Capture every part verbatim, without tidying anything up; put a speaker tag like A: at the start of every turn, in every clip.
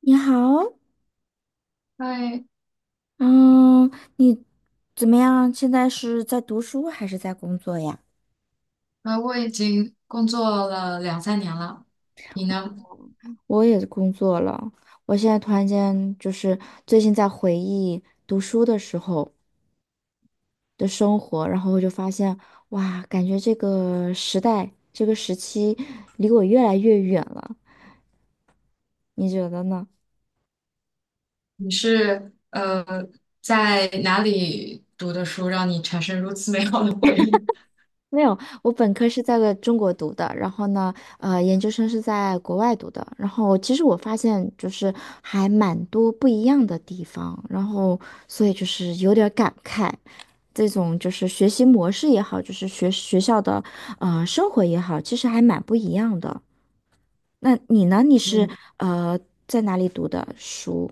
A: 你好，
B: 嗨，
A: 嗯，你怎么样？现在是在读书还是在工作呀？
B: 呃，我已经工作了两三年了，你呢？
A: 我也工作了，我现在突然间就是最近在回忆读书的时候的生活，然后我就发现，哇，感觉这个时代，这个时期离我越来越远了。你觉得呢？
B: 你是呃在哪里读的书，让你产生如此美好的回忆？
A: 没有，我本科是在个中国读的，然后呢，呃，研究生是在国外读的。然后其实我发现就是还蛮多不一样的地方，然后所以就是有点儿感慨，这种就是学习模式也好，就是学学校的呃生活也好，其实还蛮不一样的。那你呢？你是
B: 嗯。
A: 呃在哪里读的书？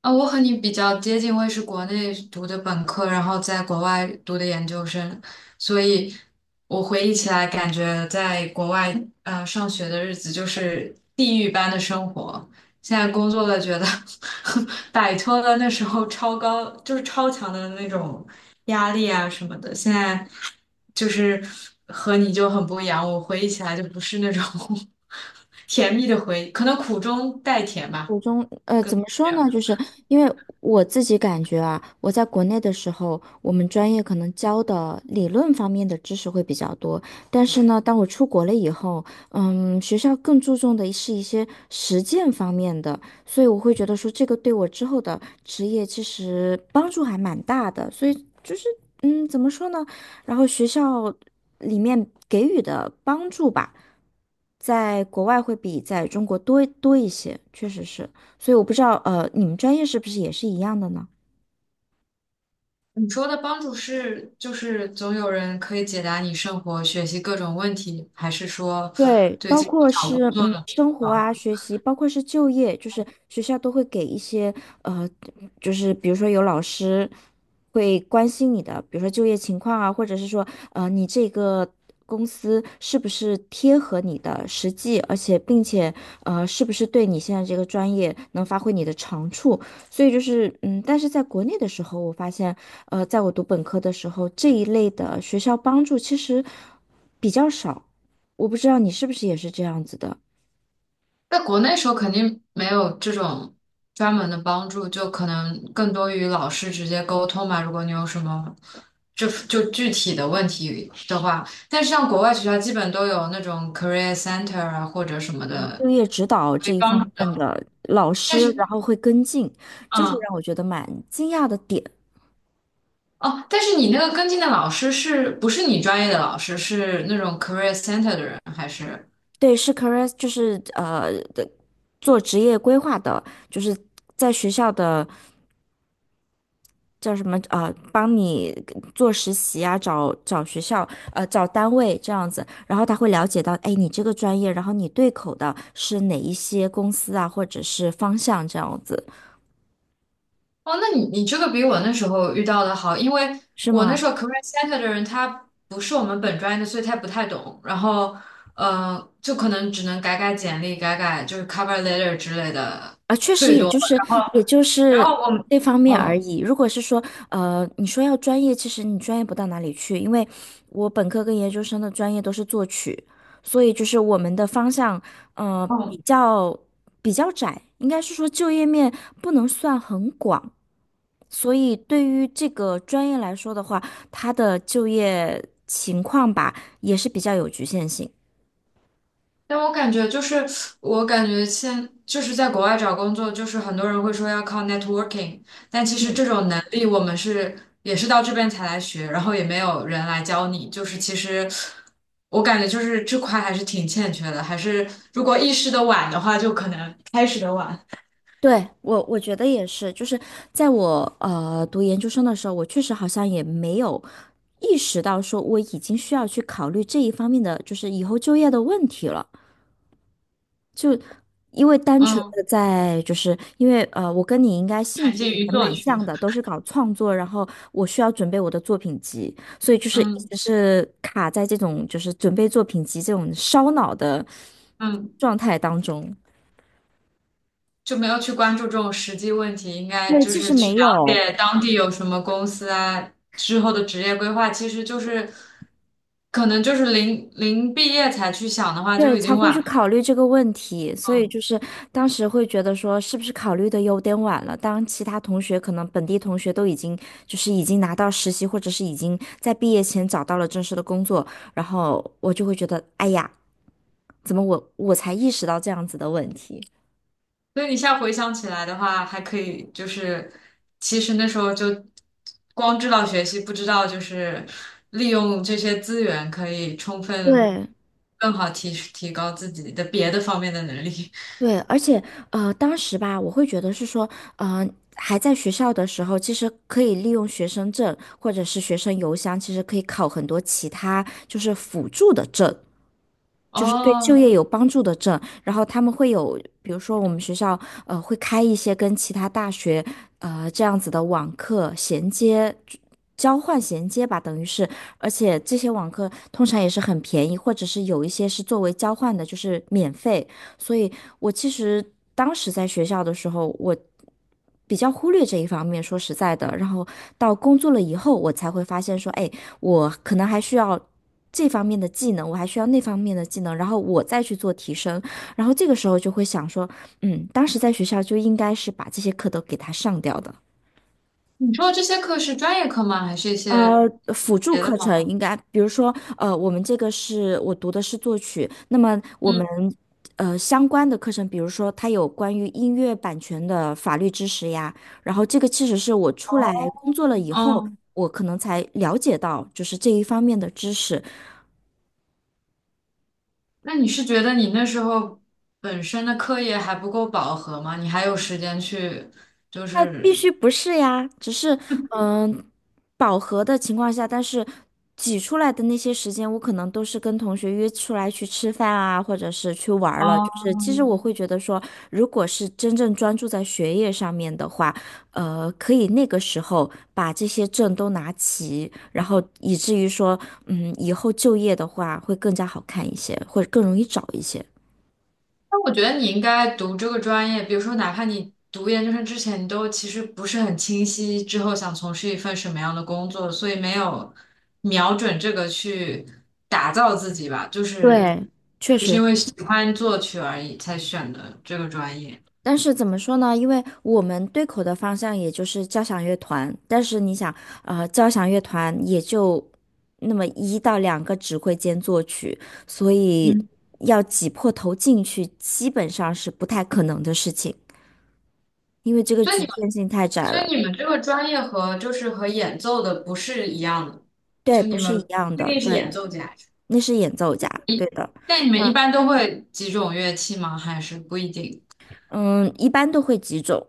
B: 啊，我和你比较接近，我也是国内读的本科，然后在国外读的研究生，所以我回忆起来，感觉在国外呃上学的日子就是地狱般的生活。现在工作了，觉得 摆脱了那时候超高，就是超强的那种压力啊什么的。现在就是和你就很不一样，我回忆起来就不是那种 甜蜜的回忆，可能苦中带甜吧。
A: 我中，呃，怎么
B: 这
A: 说
B: 样
A: 呢？就是因为我自己感觉啊，我在国内的时候，我们专业可能教的理论方面的知识会比较多，但是呢，当我出国了以后，嗯，学校更注重的是一些实践方面的，所以我会觉得说这个对我之后的职业其实帮助还蛮大的，所以就是，嗯，怎么说呢？然后学校里面给予的帮助吧，在国外会比在中国多多一些，确实是。所以我不知道，呃，你们专业是不是也是一样的呢？
B: 你说的帮助是，就是总有人可以解答你生活、学习各种问题，还是说
A: 对，
B: 对
A: 包
B: 这个
A: 括
B: 找工
A: 是
B: 作
A: 嗯
B: 的
A: 生活
B: 帮助？
A: 啊、学习，包括是就业，就是学校都会给一些呃，就是比如说有老师会关心你的，比如说就业情况啊，或者是说呃你这个公司是不是贴合你的实际，而且并且呃是不是对你现在这个专业能发挥你的长处，所以就是嗯，但是在国内的时候，我发现呃在我读本科的时候，这一类的学校帮助其实比较少。我不知道你是不是也是这样子的，
B: 在国内时候肯定没有这种专门的帮助，就可能更多与老师直接沟通嘛。如果你有什么就就具体的问题的话，但是像国外学校基本都有那种 career center 啊或者什么的
A: 就业指导
B: 可
A: 这
B: 以
A: 一
B: 帮
A: 方
B: 助
A: 面
B: 的，
A: 的老
B: 但
A: 师，然
B: 是。
A: 后会跟进，这是
B: 嗯。
A: 让我觉得蛮惊讶的点。
B: 哦，但是你那个跟进的老师是不是你专业的老师？是那种 career center 的人还是？
A: 对，是 career，就是呃的做职业规划的，就是在学校的叫什么呃，帮你做实习啊，找找学校呃找单位这样子，然后他会了解到，哎，你这个专业，然后你对口的是哪一些公司啊，或者是方向这样子，
B: 哦，那你你这个比我那时候遇到的好，因为
A: 是
B: 我那时
A: 吗？
B: 候 career center 的人他不是我们本专业的，所以他不太懂。然后，呃，就可能只能改改简历，改改就是 cover letter 之类的，
A: 啊，确实，
B: 最
A: 也
B: 多。
A: 就是
B: 然后，
A: 也就
B: 然
A: 是
B: 后我们，
A: 那方面
B: 嗯
A: 而
B: 嗯。
A: 已。如果是说，呃，你说要专业，其实你专业不到哪里去，因为我本科跟研究生的专业都是作曲，所以就是我们的方向，呃，比
B: 哦
A: 较比较窄，应该是说就业面不能算很广，所以对于这个专业来说的话，它的就业情况吧，也是比较有局限性。
B: 但我感觉就是，我感觉现就是在国外找工作，就是很多人会说要靠 networking,但其实
A: 嗯。
B: 这种能力我们是也是到这边才来学，然后也没有人来教你，就是其实我感觉就是这块还是挺欠缺的，还是如果意识的晚的话，就可能开始的晚，
A: 对，我我觉得也是，就是在我呃读研究生的时候，我确实好像也没有意识到说我已经需要去考虑这一方面的，就是以后就业的问题了。就因为单纯
B: 嗯，
A: 的在，就是因为呃，我跟你应该兴
B: 产
A: 趣
B: 生
A: 也
B: 于作
A: 蛮
B: 曲，
A: 像的，都是搞创作，然后我需要准备我的作品集，所以就是一
B: 嗯
A: 直是卡在这种就是准备作品集这种烧脑的
B: 嗯。
A: 状态当中。
B: 就没有去关注这种实际问题，应该
A: 对，
B: 就
A: 就
B: 是
A: 是
B: 去
A: 没
B: 了
A: 有。
B: 解当地有什么公司啊，之后的职业规划，其实就是可能就是临临毕业才去想的话，就
A: 对，
B: 已
A: 才
B: 经
A: 会
B: 晚
A: 去
B: 了。
A: 考虑这个问题，所以就
B: 嗯，
A: 是当时会觉得说，是不是考虑的有点晚了？当其他同学可能本地同学都已经就是已经拿到实习，或者是已经在毕业前找到了正式的工作，然后我就会觉得，哎呀，怎么我我才意识到这样子的问题？
B: 所以你现在回想起来的话，还可以就是，其实那时候就光知道学习，不知道就是利用这些资源可以充分
A: 对，
B: 更好提提高自己的别的方面的能力。
A: 对，而且呃，当时吧，我会觉得是说，嗯，还在学校的时候，其实可以利用学生证或者是学生邮箱，其实可以考很多其他就是辅助的证。就是对就
B: 哦，
A: 业有帮助的证，然后他们会有，比如说我们学校呃会开一些跟其他大学呃这样子的网课衔接。交换衔接吧，等于是，而且这些网课通常也是很便宜，或者是有一些是作为交换的，就是免费。所以我其实当时在学校的时候，我比较忽略这一方面，说实在的。然后到工作了以后，我才会发现说，哎，我可能还需要这方面的技能，我还需要那方面的技能，然后我再去做提升。然后这个时候就会想说，嗯，当时在学校就应该是把这些课都给它上掉的。
B: 你说的这些课是专业课吗？还是一些？
A: 呃，辅助
B: 别的
A: 课
B: 吗？
A: 程应该，比如说，呃，我们这个是我读的是作曲，那么我
B: 嗯，
A: 们呃相关的课程，比如说它有关于音乐版权的法律知识呀，然后这个其实是我出来工作了以后，
B: 哦，
A: 我可能才了解到就是这一方面的知识，
B: 那你是觉得你那时候本身的课业还不够饱和吗？你还有时间去，就
A: 那必
B: 是
A: 须不是呀，只是嗯、呃饱和的情况下，但是挤出来的那些时间，我可能都是跟同学约出来去吃饭啊，或者是去玩儿了。
B: 哦，
A: 就是其实我会觉得说，如果是真正专注在学业上面的话，呃，可以那个时候把这些证都拿齐，然后以至于说，嗯，以后就业的话会更加好看一些，或者更容易找一些。
B: 那我觉得你应该读这个专业，比如说哪怕你读研究生之前，你都其实不是很清晰之后想从事一份什么样的工作，所以没有瞄准这个去打造自己吧，就是
A: 对，确
B: 就是
A: 实。
B: 因为喜欢作曲而已才选的这个专业。
A: 但是怎么说呢？因为我们对口的方向也就是交响乐团，但是你想，呃，交响乐团也就那么一到两个指挥兼作曲，所以
B: 嗯。
A: 要挤破头进去，基本上是不太可能的事情，因为这个
B: 所以
A: 局
B: 你。
A: 限性太窄
B: 所以
A: 了。
B: 你们这个专业和就是和演奏的不是一样的，
A: 对，
B: 就你
A: 不是一
B: 们
A: 样
B: 不一
A: 的，
B: 定是演
A: 对，
B: 奏家，
A: 那是演奏家，对的。
B: 但你们一
A: 那
B: 般都会几种乐器吗？还是不一定？
A: 嗯，一般都会几种。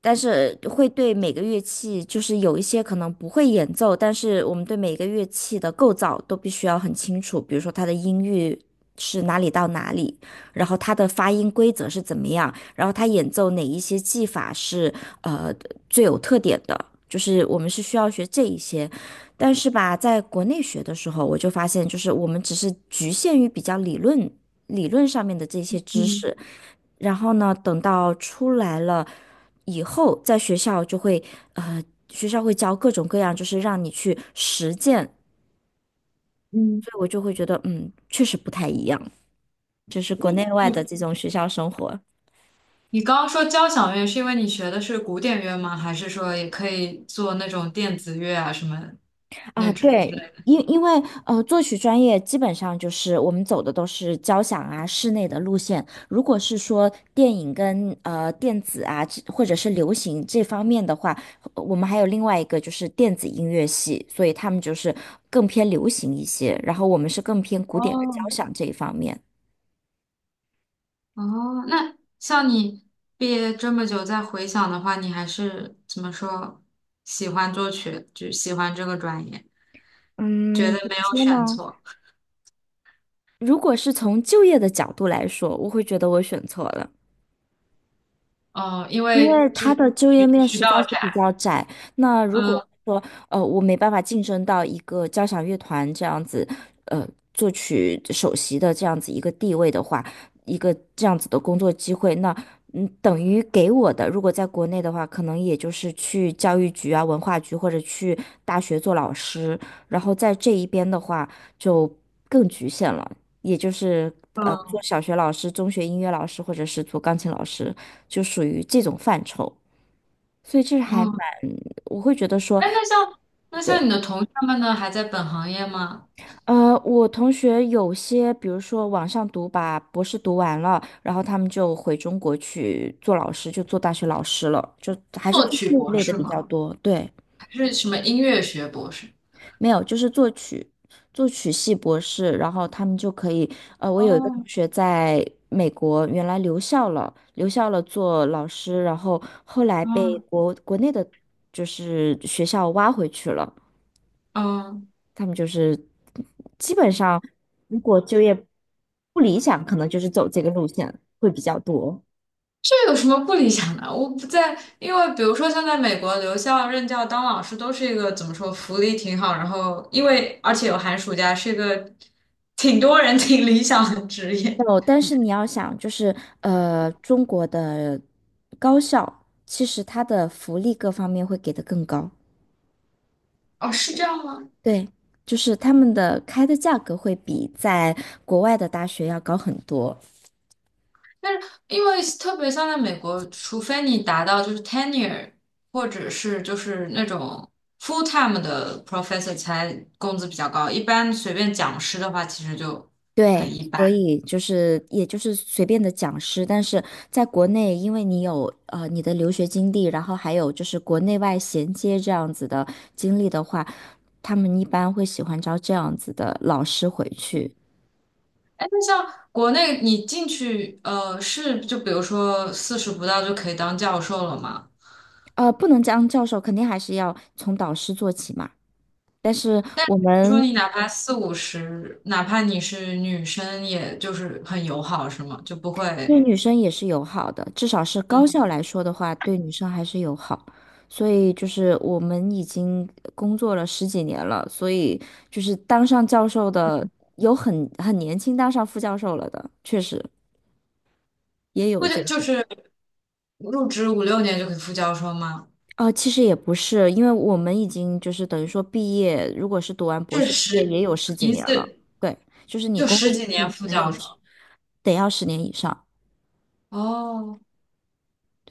A: 但是会对每个乐器，就是有一些可能不会演奏，但是我们对每个乐器的构造都必须要很清楚，比如说它的音域是哪里到哪里，然后它的发音规则是怎么样，然后它演奏哪一些技法是呃最有特点的，就是我们是需要学这一些。但是吧，在国内学的时候，我就发现，就是我们只是局限于比较理论。理论上面的这些知
B: 嗯
A: 识，然后呢，等到出来了以后，在学校就会呃，学校会教各种各样，就是让你去实践，
B: 嗯，
A: 所以我就会觉得，嗯，确实不太一样，就是
B: 那
A: 国内外的
B: 你
A: 这种学校生活。
B: 你刚刚说交响乐，是因为你学的是古典乐吗？还是说也可以做那种电子乐啊什么
A: 啊，
B: 那种？
A: 对，因因为呃，作曲专业基本上就是我们走的都是交响啊、室内的路线。如果是说电影跟呃电子啊，这或者是流行这方面的话，呃我们还有另外一个就是电子音乐系，所以他们就是更偏流行一些，然后我们是更偏古典的交
B: 哦
A: 响这一方面。
B: 哦，那像你毕业这么久再回想的话，你还是怎么说喜欢作曲，就喜欢这个专业，觉
A: 嗯，
B: 得
A: 怎
B: 没
A: 么
B: 有
A: 说
B: 选
A: 呢？
B: 错。
A: 如果是从就业的角度来说，我会觉得我选错了。
B: 嗯，因
A: 因
B: 为
A: 为
B: 就
A: 他的就业
B: 渠
A: 面
B: 渠
A: 实在
B: 道
A: 是比
B: 窄，
A: 较窄。那如
B: 嗯
A: 果说呃我没办法晋升到一个交响乐团这样子，呃作曲首席的这样子一个地位的话，一个这样子的工作机会，那嗯等于给我的，如果在国内的话，可能也就是去教育局啊、文化局或者去大学做老师，然后在这一边的话就更局限了，也就是呃做
B: 嗯
A: 小学老师、中学音乐老师或者是做钢琴老师。就属于这种范畴，所以这还蛮，
B: 嗯。
A: 我会觉得说，
B: 哎，那像那
A: 对。
B: 像你的同学们呢，还在本行业吗？
A: 呃，我同学有些，比如说网上读把博士读完了，然后他们就回中国去做老师，就做大学老师了，就还是
B: 作
A: 做
B: 曲
A: 这一
B: 博
A: 类的
B: 士
A: 比较
B: 吗？
A: 多。对，
B: 还是什么音乐学博士？
A: 没有，就是作曲，作曲系博士，然后他们就可以，呃，我有一个同
B: 哦，
A: 学在美国原来留校了，留校了做老师，然后后来被
B: 嗯
A: 国国内的就是学校挖回去了。
B: 嗯，
A: 他们就是基本上，如果就业不理想，可能就是走这个路线会比较多。
B: 这有什么不理想的？我不在，因为比如说像在美国留校任教当老师都是一个怎么说，福利挺好，然后因为而且有寒暑假，是一个挺多人挺理想的职业。
A: 哦，但是你要想，就是呃，中国的高校其实它的福利各方面会给的更高。
B: 哦，是这样吗？
A: 对，就是他们的开的价格会比在国外的大学要高很多。
B: 但是因为特别像在美国，除非你达到就是 tenure 或者是就是那种 full time 的 professor 才工资比较高，一般随便讲师的话其实就
A: 对，
B: 很一
A: 所
B: 般。
A: 以就是也就是随便的讲师，但是在国内，因为你有呃你的留学经历，然后还有就是国内外衔接这样子的经历的话，他们一般会喜欢招这样子的老师回去。
B: 哎，那像国内你进去呃是就比如说四十不到就可以当教授了吗？
A: 呃，不能当教授，肯定还是要从导师做起嘛。但是我
B: 比如说
A: 们
B: 你哪怕四五十，哪怕你是女生，也就是很友好是吗？就不会
A: 对女生也是友好的，至少是高
B: 嗯，
A: 校来说的话，对女生还是友好。所以就是我们已经工作了十几年了，所以就是当上教授的有很很年轻当上副教授了的，确实也有
B: 或
A: 这。
B: 者就是入职五六年就可以副教授吗？
A: 啊、呃其实也不是，因为我们已经就是等于说毕业，如果是读完博
B: 是
A: 士毕业也
B: 十
A: 有十几
B: 一
A: 年了。
B: 次
A: 对，就是你
B: 就
A: 工作
B: 十几
A: 经历
B: 年
A: 可
B: 副
A: 能
B: 教
A: 有
B: 授
A: 十，得要十年以上，
B: 哦，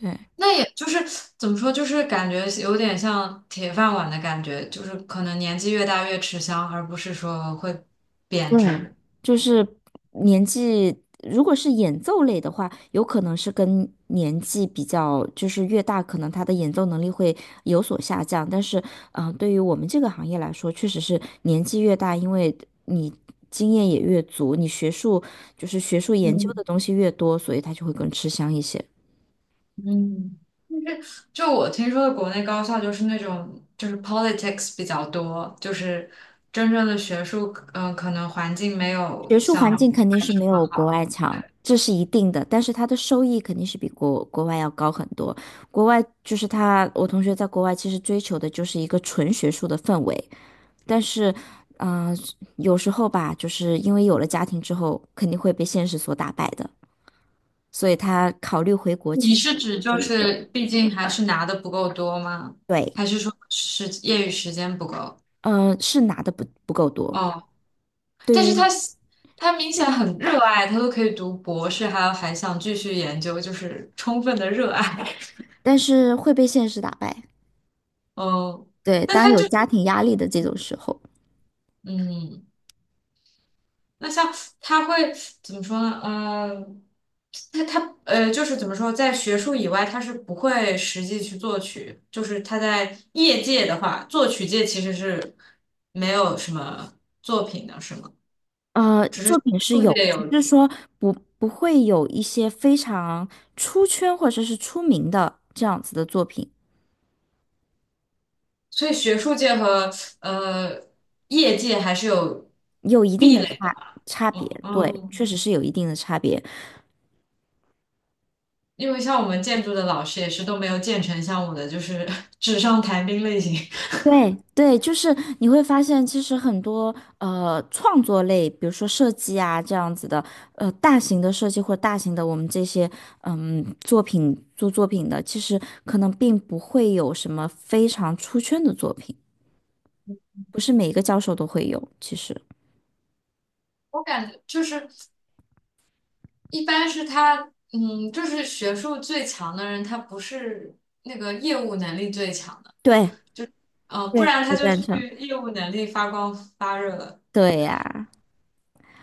A: 对。
B: 那也就是怎么说，就是感觉有点像铁饭碗的感觉，就是可能年纪越大越吃香，而不是说会贬
A: 对，
B: 值。
A: 就是年纪，如果是演奏类的话，有可能是跟年纪比较，就是越大，可能他的演奏能力会有所下降。但是，嗯、呃对于我们这个行业来说，确实是年纪越大，因为你经验也越足，你学术就是学术研究
B: 嗯
A: 的东西越多，所以他就会更吃香一些。
B: 嗯，就我听说的国内高校就是那种就是 politics 比较多，就是真正的学术，嗯、可能环境没
A: 学
B: 有
A: 术环
B: 像
A: 境
B: 国
A: 肯定
B: 外
A: 是
B: 这
A: 没
B: 么
A: 有国
B: 好。
A: 外强，这是一定的，但是它的收益肯定是比国国外要高很多。国外就是他，我同学在国外其实追求的就是一个纯学术的氛围，但是，嗯、有时候吧，就是因为有了家庭之后，肯定会被现实所打败的，所以他考虑回国其
B: 你
A: 实
B: 是
A: 不
B: 指
A: 是
B: 就
A: 一个。
B: 是毕竟还是拿的不够多吗？
A: 对。
B: 还是说时业余时间不够？
A: 嗯，是拿的不不够多，
B: 哦，但
A: 对
B: 是他
A: 于，
B: 他明显很热爱，他都可以读博士，还有还想继续研究，就是充分的热爱。
A: 但是会被现实打败，
B: 哦，
A: 对，
B: 那
A: 当
B: 他
A: 有
B: 就
A: 家庭压力的这种时候。
B: 嗯。那像他会怎么说呢？嗯，他他呃，就是怎么说，在学术以外，他是不会实际去作曲。就是他在业界的话，作曲界其实是没有什么作品的，是吗？
A: 呃，作品是
B: 学术
A: 有，
B: 界有，
A: 就是说不不会有一些非常出圈或者是出名的这样子的作品，
B: 所以学术界和呃业界还是有
A: 有一定
B: 壁
A: 的差
B: 垒的。
A: 差别，对，
B: 嗯，
A: 确实是有一定的差别。
B: 因为像我们建筑的老师也是都没有建成像我的，就是 纸上谈兵类型。
A: 对对，就是你会发现，其实很多呃创作类，比如说设计啊这样子的，呃大型的设计或者大型的我们这些嗯作品做作品的，其实可能并不会有什么非常出圈的作品，不是每一个教授都会有，其实。
B: 我感觉就是。一般是他，嗯，就是学术最强的人，他不是那个业务能力最强的，
A: 对，
B: 呃，不
A: 对，
B: 然他
A: 不
B: 就
A: 赞
B: 去
A: 成。
B: 业务能力发光发热了，
A: 对呀，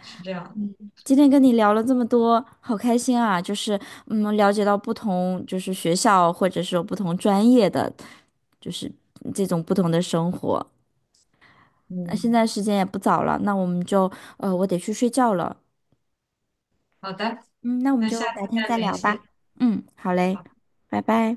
B: 是这样的
A: 今天跟你聊了这么多，好开心啊！就是嗯，了解到不同就是学校或者是有不同专业的，就是这种不同的生活。那
B: 嗯，
A: 现在时间也不早了，那我们就，呃，我得去睡觉了。
B: 好的，
A: 嗯，那我们
B: 那下
A: 就改
B: 次
A: 天
B: 再
A: 再
B: 联
A: 聊
B: 系。
A: 吧。嗯，好嘞，拜拜。